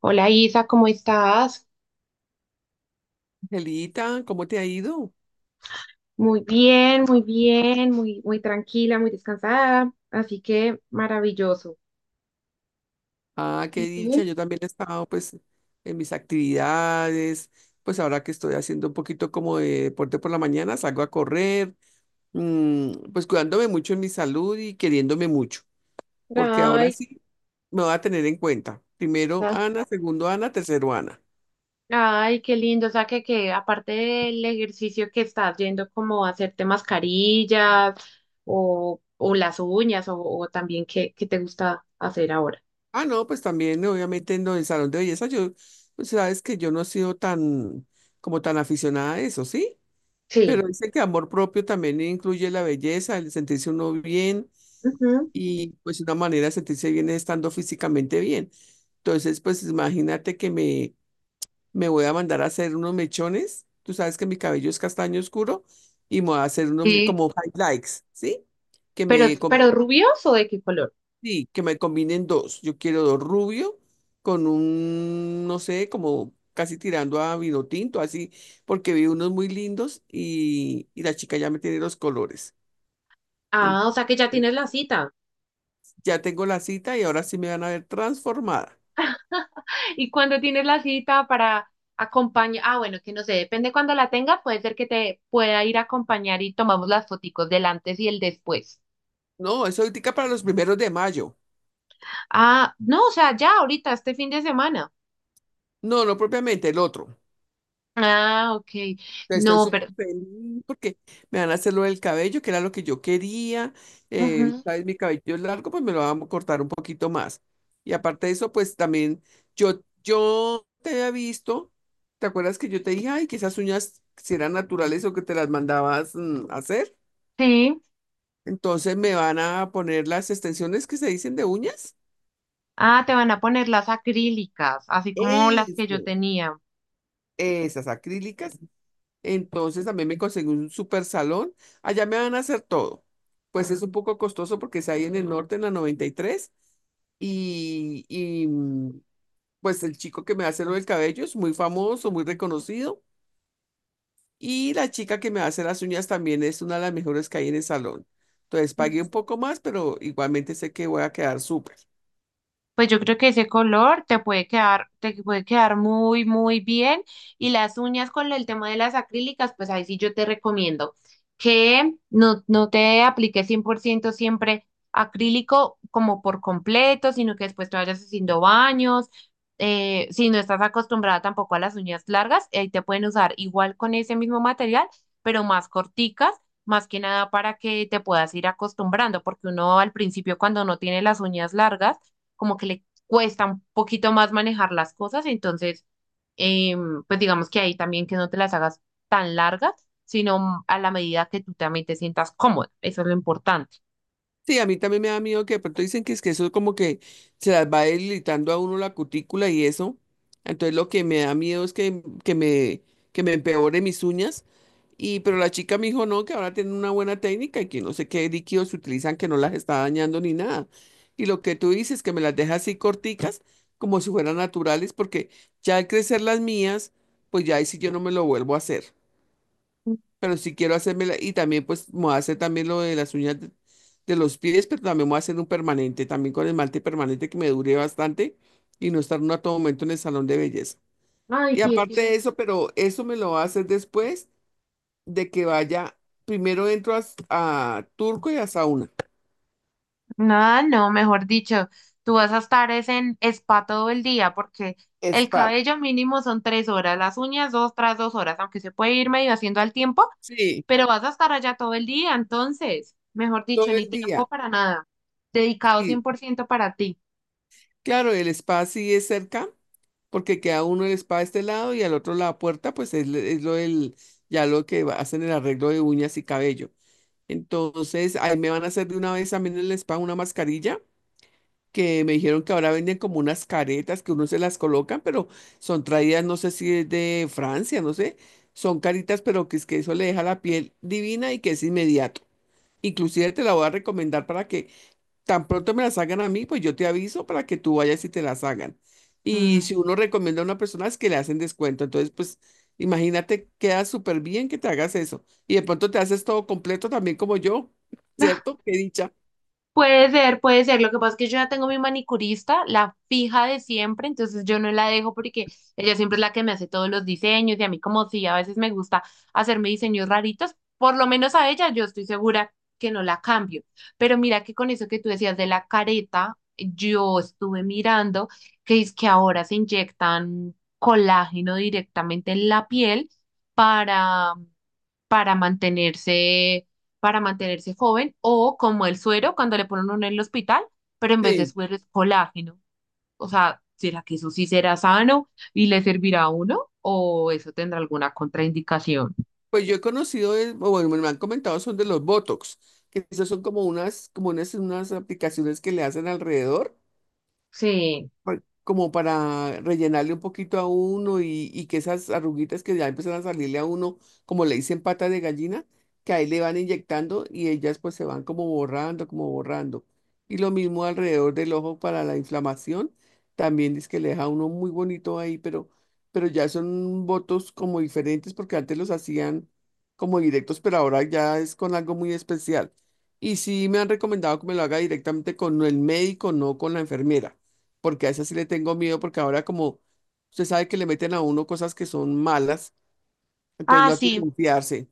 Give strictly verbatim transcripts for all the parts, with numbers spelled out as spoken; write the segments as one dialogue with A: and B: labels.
A: Hola Isa, ¿cómo estás?
B: Angelita, ¿cómo te ha ido?
A: Muy bien, muy bien, muy, muy tranquila, muy descansada, así que maravilloso.
B: Ah, qué
A: ¿Y
B: dicha, yo también he estado pues en mis actividades, pues ahora que estoy haciendo un poquito como de deporte por la mañana, salgo a correr, mm, pues cuidándome mucho en mi salud y queriéndome mucho, porque ahora
A: Ay,
B: sí me voy a tener en cuenta. Primero
A: ah,
B: Ana, segundo Ana, tercero Ana.
A: ay, qué lindo, o sea que, que aparte del ejercicio que estás yendo como a hacerte mascarillas o, o las uñas o, o también qué, qué te gusta hacer ahora.
B: Ah, no, pues también obviamente en el salón de belleza, yo, pues sabes que yo no he sido tan, como tan aficionada a eso, ¿sí?
A: Sí.
B: Pero dice que amor propio también incluye la belleza, el sentirse uno bien
A: Ujú.
B: y pues una manera de sentirse bien es estando físicamente bien. Entonces, pues imagínate que me, me voy a mandar a hacer unos mechones. Tú sabes que mi cabello es castaño oscuro y me voy a hacer unos
A: Sí.
B: como highlights, ¿sí? Que
A: Pero,
B: me, com-
A: pero rubios o de qué color?
B: sí, que me combinen dos. Yo quiero dos rubio con un, no sé, como casi tirando a vino tinto, así, porque vi unos muy lindos y, y la chica ya me tiene los colores. En-
A: Ah, o sea que ya tienes la cita.
B: Ya tengo la cita y ahora sí me van a ver transformada.
A: Y cuando tienes la cita para acompañar, ah, bueno, que no sé, depende cuando la tenga, puede ser que te pueda ir a acompañar y tomamos las foticos del antes y el después.
B: No, eso ahorita para los primeros de mayo.
A: Ah, no, o sea, ya ahorita, este fin de semana.
B: No, no propiamente, el otro.
A: Ah, ok.
B: Estoy
A: No,
B: súper
A: pero.
B: feliz porque me van a hacer lo del cabello, que era lo que yo quería. Eh,
A: Ujú,
B: sabes, mi cabello es largo, pues me lo van a cortar un poquito más. Y aparte de eso, pues también yo, yo te había visto, ¿te acuerdas que yo te dije, ay, que esas uñas si eran naturales o que te las mandabas mm, hacer?
A: sí.
B: Entonces me van a poner las extensiones que se dicen de uñas.
A: Ah, te van a poner las acrílicas, así como las que yo
B: Eso,
A: tenía.
B: esas acrílicas. Entonces también me conseguí un super salón. Allá me van a hacer todo. Pues es un poco costoso porque es ahí en el norte, en la noventa y tres. Y, tres. Y y mm, pues el chico que me hace lo del cabello es muy famoso, muy reconocido. Y la chica que me hace las uñas también es una de las mejores que hay en el salón. Entonces pagué un poco más, pero igualmente sé que voy a quedar súper.
A: Pues yo creo que ese color te puede quedar, te puede quedar muy, muy bien. Y las uñas con el tema de las acrílicas, pues ahí sí yo te recomiendo que no, no te apliques cien por ciento siempre acrílico como por completo, sino que después te vayas haciendo baños. Eh, si no estás acostumbrada tampoco a las uñas largas, ahí te pueden usar igual con ese mismo material, pero más corticas. Más que nada para que te puedas ir acostumbrando, porque uno al principio cuando no tiene las uñas largas, como que le cuesta un poquito más manejar las cosas, entonces, eh, pues digamos que ahí también que no te las hagas tan largas, sino a la medida que tú también te sientas cómoda, eso es lo importante.
B: Sí, a mí también me da miedo que de pronto dicen que es que eso como que se las va debilitando a uno la cutícula y eso. Entonces lo que me da miedo es que, que me, que me empeore mis uñas. Y, pero la chica me dijo no, que ahora tienen una buena técnica y que no sé qué líquidos utilizan que no las está dañando ni nada. Y lo que tú dices, que me las deja así corticas, como si fueran naturales, porque ya al crecer las mías, pues ya ahí sí yo no me lo vuelvo a hacer pero si quiero hacerme la- y también pues me voy a hacer también lo de las uñas de, de los pies, pero también me voy a hacer un permanente, también con esmalte permanente que me dure bastante y no estar uno a todo momento en el salón de belleza.
A: Ay,
B: Y
A: sí, es
B: aparte
A: que-
B: de eso, pero eso me lo va a hacer después de que vaya, primero entro a, s- a Turco y a Sauna.
A: No, no, mejor dicho, tú vas a estar es en spa todo el día porque el
B: Spa.
A: cabello mínimo son tres horas, las uñas dos tras dos horas, aunque se puede ir medio haciendo al tiempo,
B: Sí,
A: pero vas a estar allá todo el día, entonces, mejor dicho,
B: todo el
A: ni tiempo
B: día.
A: para nada, dedicado cien
B: Sí.
A: por ciento para ti.
B: Claro, el spa sí es cerca, porque queda uno el spa de este lado y al otro la puerta, pues es, es lo del, ya lo que va- hacen el arreglo de uñas y cabello. Entonces, ahí me van a hacer de una vez también en el spa una mascarilla, que me dijeron que ahora venden como unas caretas que uno se las colocan, pero son traídas, no sé si es de Francia, no sé. Son caritas, pero que es que eso le deja la piel divina y que es inmediato. Inclusive te la voy a recomendar para que tan pronto me la hagan a mí, pues yo te aviso para que tú vayas y te las hagan.
A: Mm.
B: Y si uno recomienda a una persona es que le hacen descuento. Entonces, pues imagínate, queda súper bien que te hagas eso. Y de pronto te haces todo completo también como yo,
A: Ah,
B: ¿cierto? Qué dicha.
A: puede ser, puede ser. Lo que pasa es que yo ya tengo mi manicurista, la fija de siempre, entonces yo no la dejo porque ella siempre es la que me hace todos los diseños y a mí como si a veces me gusta hacerme diseños raritos, por lo menos a ella yo estoy segura que no la cambio. Pero mira que con eso que tú decías de la careta, yo estuve mirando que es que ahora se inyectan colágeno directamente en la piel para para mantenerse, para mantenerse joven, o como el suero cuando le ponen uno en el hospital, pero en vez de
B: Sí,
A: suero es colágeno. O sea, ¿será que eso sí será sano y le servirá a uno? ¿O eso tendrá alguna contraindicación?
B: pues yo he conocido, es- o bueno, me lo han comentado, son de los Botox, que esos son como unas, como unas, unas aplicaciones que le hacen alrededor
A: Sí.
B: pa- como para rellenarle un poquito a uno y, y que esas arruguitas que ya empiezan a salirle a uno, como le dicen patas de gallina, que ahí le van inyectando y ellas pues se van como borrando, como borrando. Y lo mismo alrededor del ojo para la inflamación, también es que le deja a uno muy bonito ahí, pero, pero, ya son votos como diferentes porque antes los hacían como directos, pero ahora ya es con algo muy especial. Y sí me han recomendado que me lo haga directamente con el médico, no con la enfermera porque a esa sí le tengo miedo, porque ahora como usted sabe que le meten a uno cosas que son malas, entonces
A: Ah,
B: no hay que
A: sí,
B: confiarse.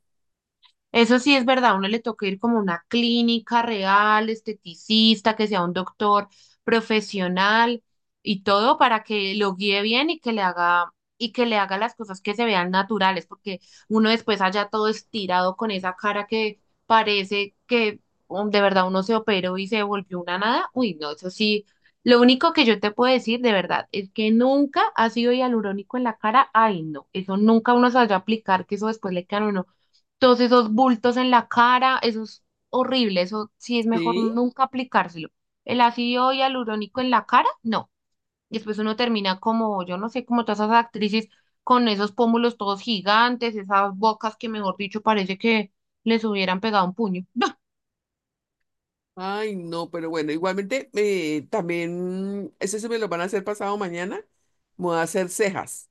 A: eso sí es verdad, a uno le toca ir como a una clínica real, esteticista, que sea un doctor profesional y todo para que lo guíe bien y que le haga y que le haga las cosas que se vean naturales, porque uno después allá todo estirado con esa cara que parece que um, de verdad uno se operó y se volvió una nada. Uy, no, eso sí. Lo único que yo te puedo decir de verdad es que nunca ha sido hialurónico en la cara. Ay, no, eso nunca uno se vaya a aplicar, que eso después le queda a uno todos esos bultos en la cara, eso es horrible, eso sí es mejor
B: Sí.
A: nunca aplicárselo. El ácido hialurónico en la cara, no. Y después uno termina como, yo no sé, como todas esas actrices con esos pómulos todos gigantes, esas bocas que, mejor dicho, parece que les hubieran pegado un puño.
B: Ay, no, pero bueno, igualmente eh, también, eso se me lo van a hacer pasado mañana, me voy a hacer cejas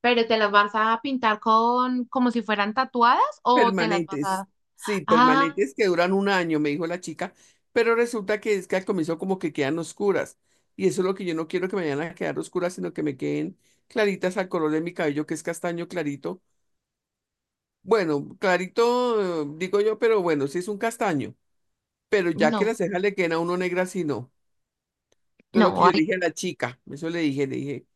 A: Pero te las vas a pintar con, como si fueran tatuadas o te las vas
B: permanentes,
A: a.
B: sí,
A: Ah,
B: permanentes que duran un año, me dijo la chica, pero resulta que es que al comienzo como que quedan oscuras, y eso es lo que yo no quiero que me vayan a quedar oscuras, sino que me queden claritas al color de mi cabello, que es castaño clarito. Bueno, clarito, eh, digo yo, pero bueno, sí es un castaño. Pero ya que
A: no,
B: las cejas le quedan a uno negras, sí no. Entonces lo que
A: no,
B: yo
A: ahí
B: le dije a la chica, eso le dije, le dije,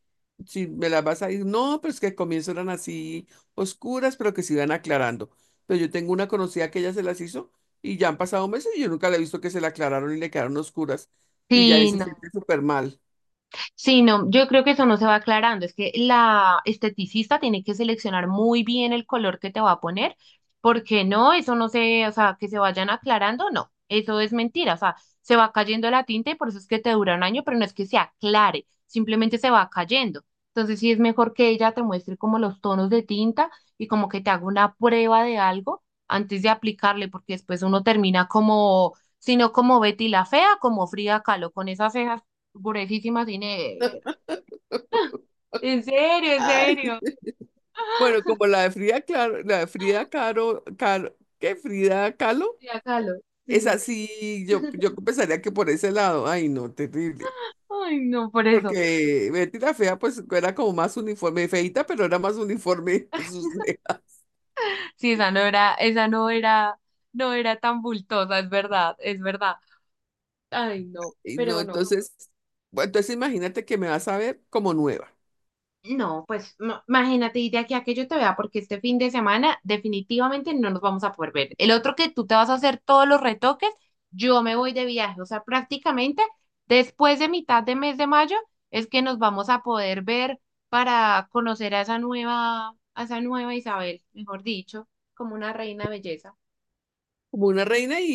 B: si me las vas a ir, no, pero es que al comienzo eran así oscuras, pero que se iban aclarando. Pero yo tengo una conocida que ella se las hizo y ya han pasado meses y yo nunca la he visto que se la aclararon y le quedaron oscuras y ya ahí
A: sí,
B: se
A: no.
B: siente súper mal.
A: Sí, no, yo creo que eso no se va aclarando. Es que la esteticista tiene que seleccionar muy bien el color que te va a poner, porque no, eso no se, o sea, que se vayan aclarando, no, eso es mentira. O sea, se va cayendo la tinta y por eso es que te dura un año, pero no es que se aclare, simplemente se va cayendo. Entonces sí es mejor que ella te muestre como los tonos de tinta y como que te haga una prueba de algo antes de aplicarle, porque después uno termina como, sino como Betty la fea, como Frida Kahlo, con esas cejas. Pobrecísima negra, en serio, en
B: Ay.
A: serio.
B: Bueno, como la de Frida, claro, la de Frida Caro, Caro, ¿qué? Frida Kahlo.
A: Sí, acá lo-
B: Es
A: Sí.
B: así, yo, yo pensaría que por ese lado, ay no, terrible.
A: Ay, no, por eso.
B: Porque Betty la Fea, pues era como más uniforme, feita, pero era más uniforme sus cejas.
A: Sí, esa no era, esa no era, no era tan bultosa, es verdad, es verdad. Ay, no,
B: Y no,
A: pero no.
B: entonces, bueno, entonces imagínate que me vas a ver como nueva,
A: No, pues no, imagínate, y de aquí a que yo te vea, porque este fin de semana definitivamente no nos vamos a poder ver. El otro que tú te vas a hacer todos los retoques, yo me voy de viaje, o sea, prácticamente después de mitad de mes de mayo es que nos vamos a poder ver para conocer a esa nueva, a esa nueva Isabel, mejor dicho, como una reina de belleza,
B: como una reina y,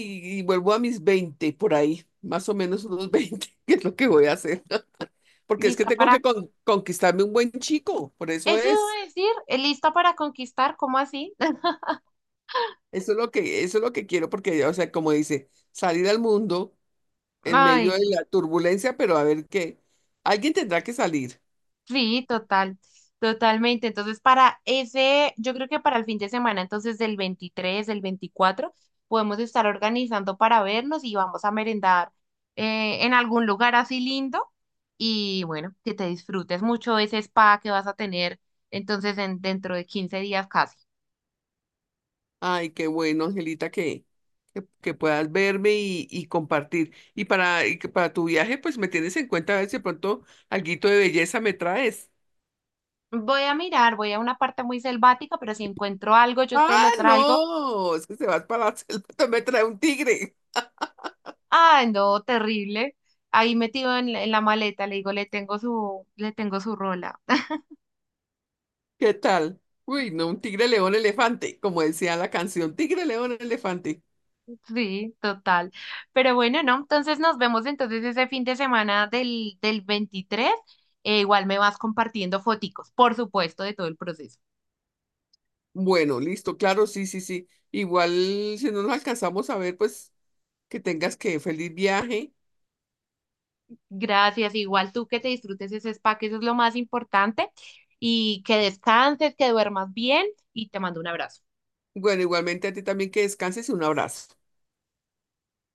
B: y vuelvo a mis veinte por ahí, más o menos unos veinte que es lo que voy a hacer. Porque es que
A: lista
B: tengo
A: para,
B: que con- conquistarme un buen chico, por eso
A: eso
B: es.
A: iba a decir, eh, lista para conquistar, ¿cómo así?
B: Eso es lo que, eso es lo que quiero, porque, o sea, como dice, salir al mundo en medio
A: Ay,
B: de
A: no.
B: la turbulencia, pero a ver qué. Alguien tendrá que salir.
A: Sí, total, totalmente. Entonces, para ese, yo creo que para el fin de semana, entonces del, veintitrés, del veinticuatro, podemos estar organizando para vernos y vamos a merendar eh, en algún lugar así lindo. Y bueno, que te disfrutes mucho ese spa que vas a tener entonces en, dentro de quince días casi.
B: Ay, qué bueno, Angelita, que, que, que puedas verme y, y compartir. Y para, y que para tu viaje, pues me tienes en cuenta a ver si de pronto alguito de belleza me traes.
A: Voy a mirar, voy a una parte muy selvática, pero si encuentro algo, yo te
B: Ah,
A: lo traigo.
B: no, es que se vas para la selva, me trae un tigre.
A: Ah, no, terrible. Ahí metido en, la en la maleta, le digo, le tengo su, le tengo su rola.
B: ¿Qué tal? Uy, no, un tigre, león, elefante, como decía la canción, tigre, león, elefante.
A: Sí, total. Pero bueno, ¿no? Entonces nos vemos entonces ese fin de semana del, del veintitrés. Eh, igual me vas compartiendo foticos, por supuesto, de todo el proceso.
B: Bueno, listo, claro, sí, sí, sí. Igual si no nos alcanzamos a ver, pues que tengas que feliz viaje.
A: Gracias. Igual tú que te disfrutes ese spa, que eso es lo más importante. Y que descanses, que duermas bien y te mando un abrazo.
B: Bueno, igualmente a ti también que descanses y un abrazo.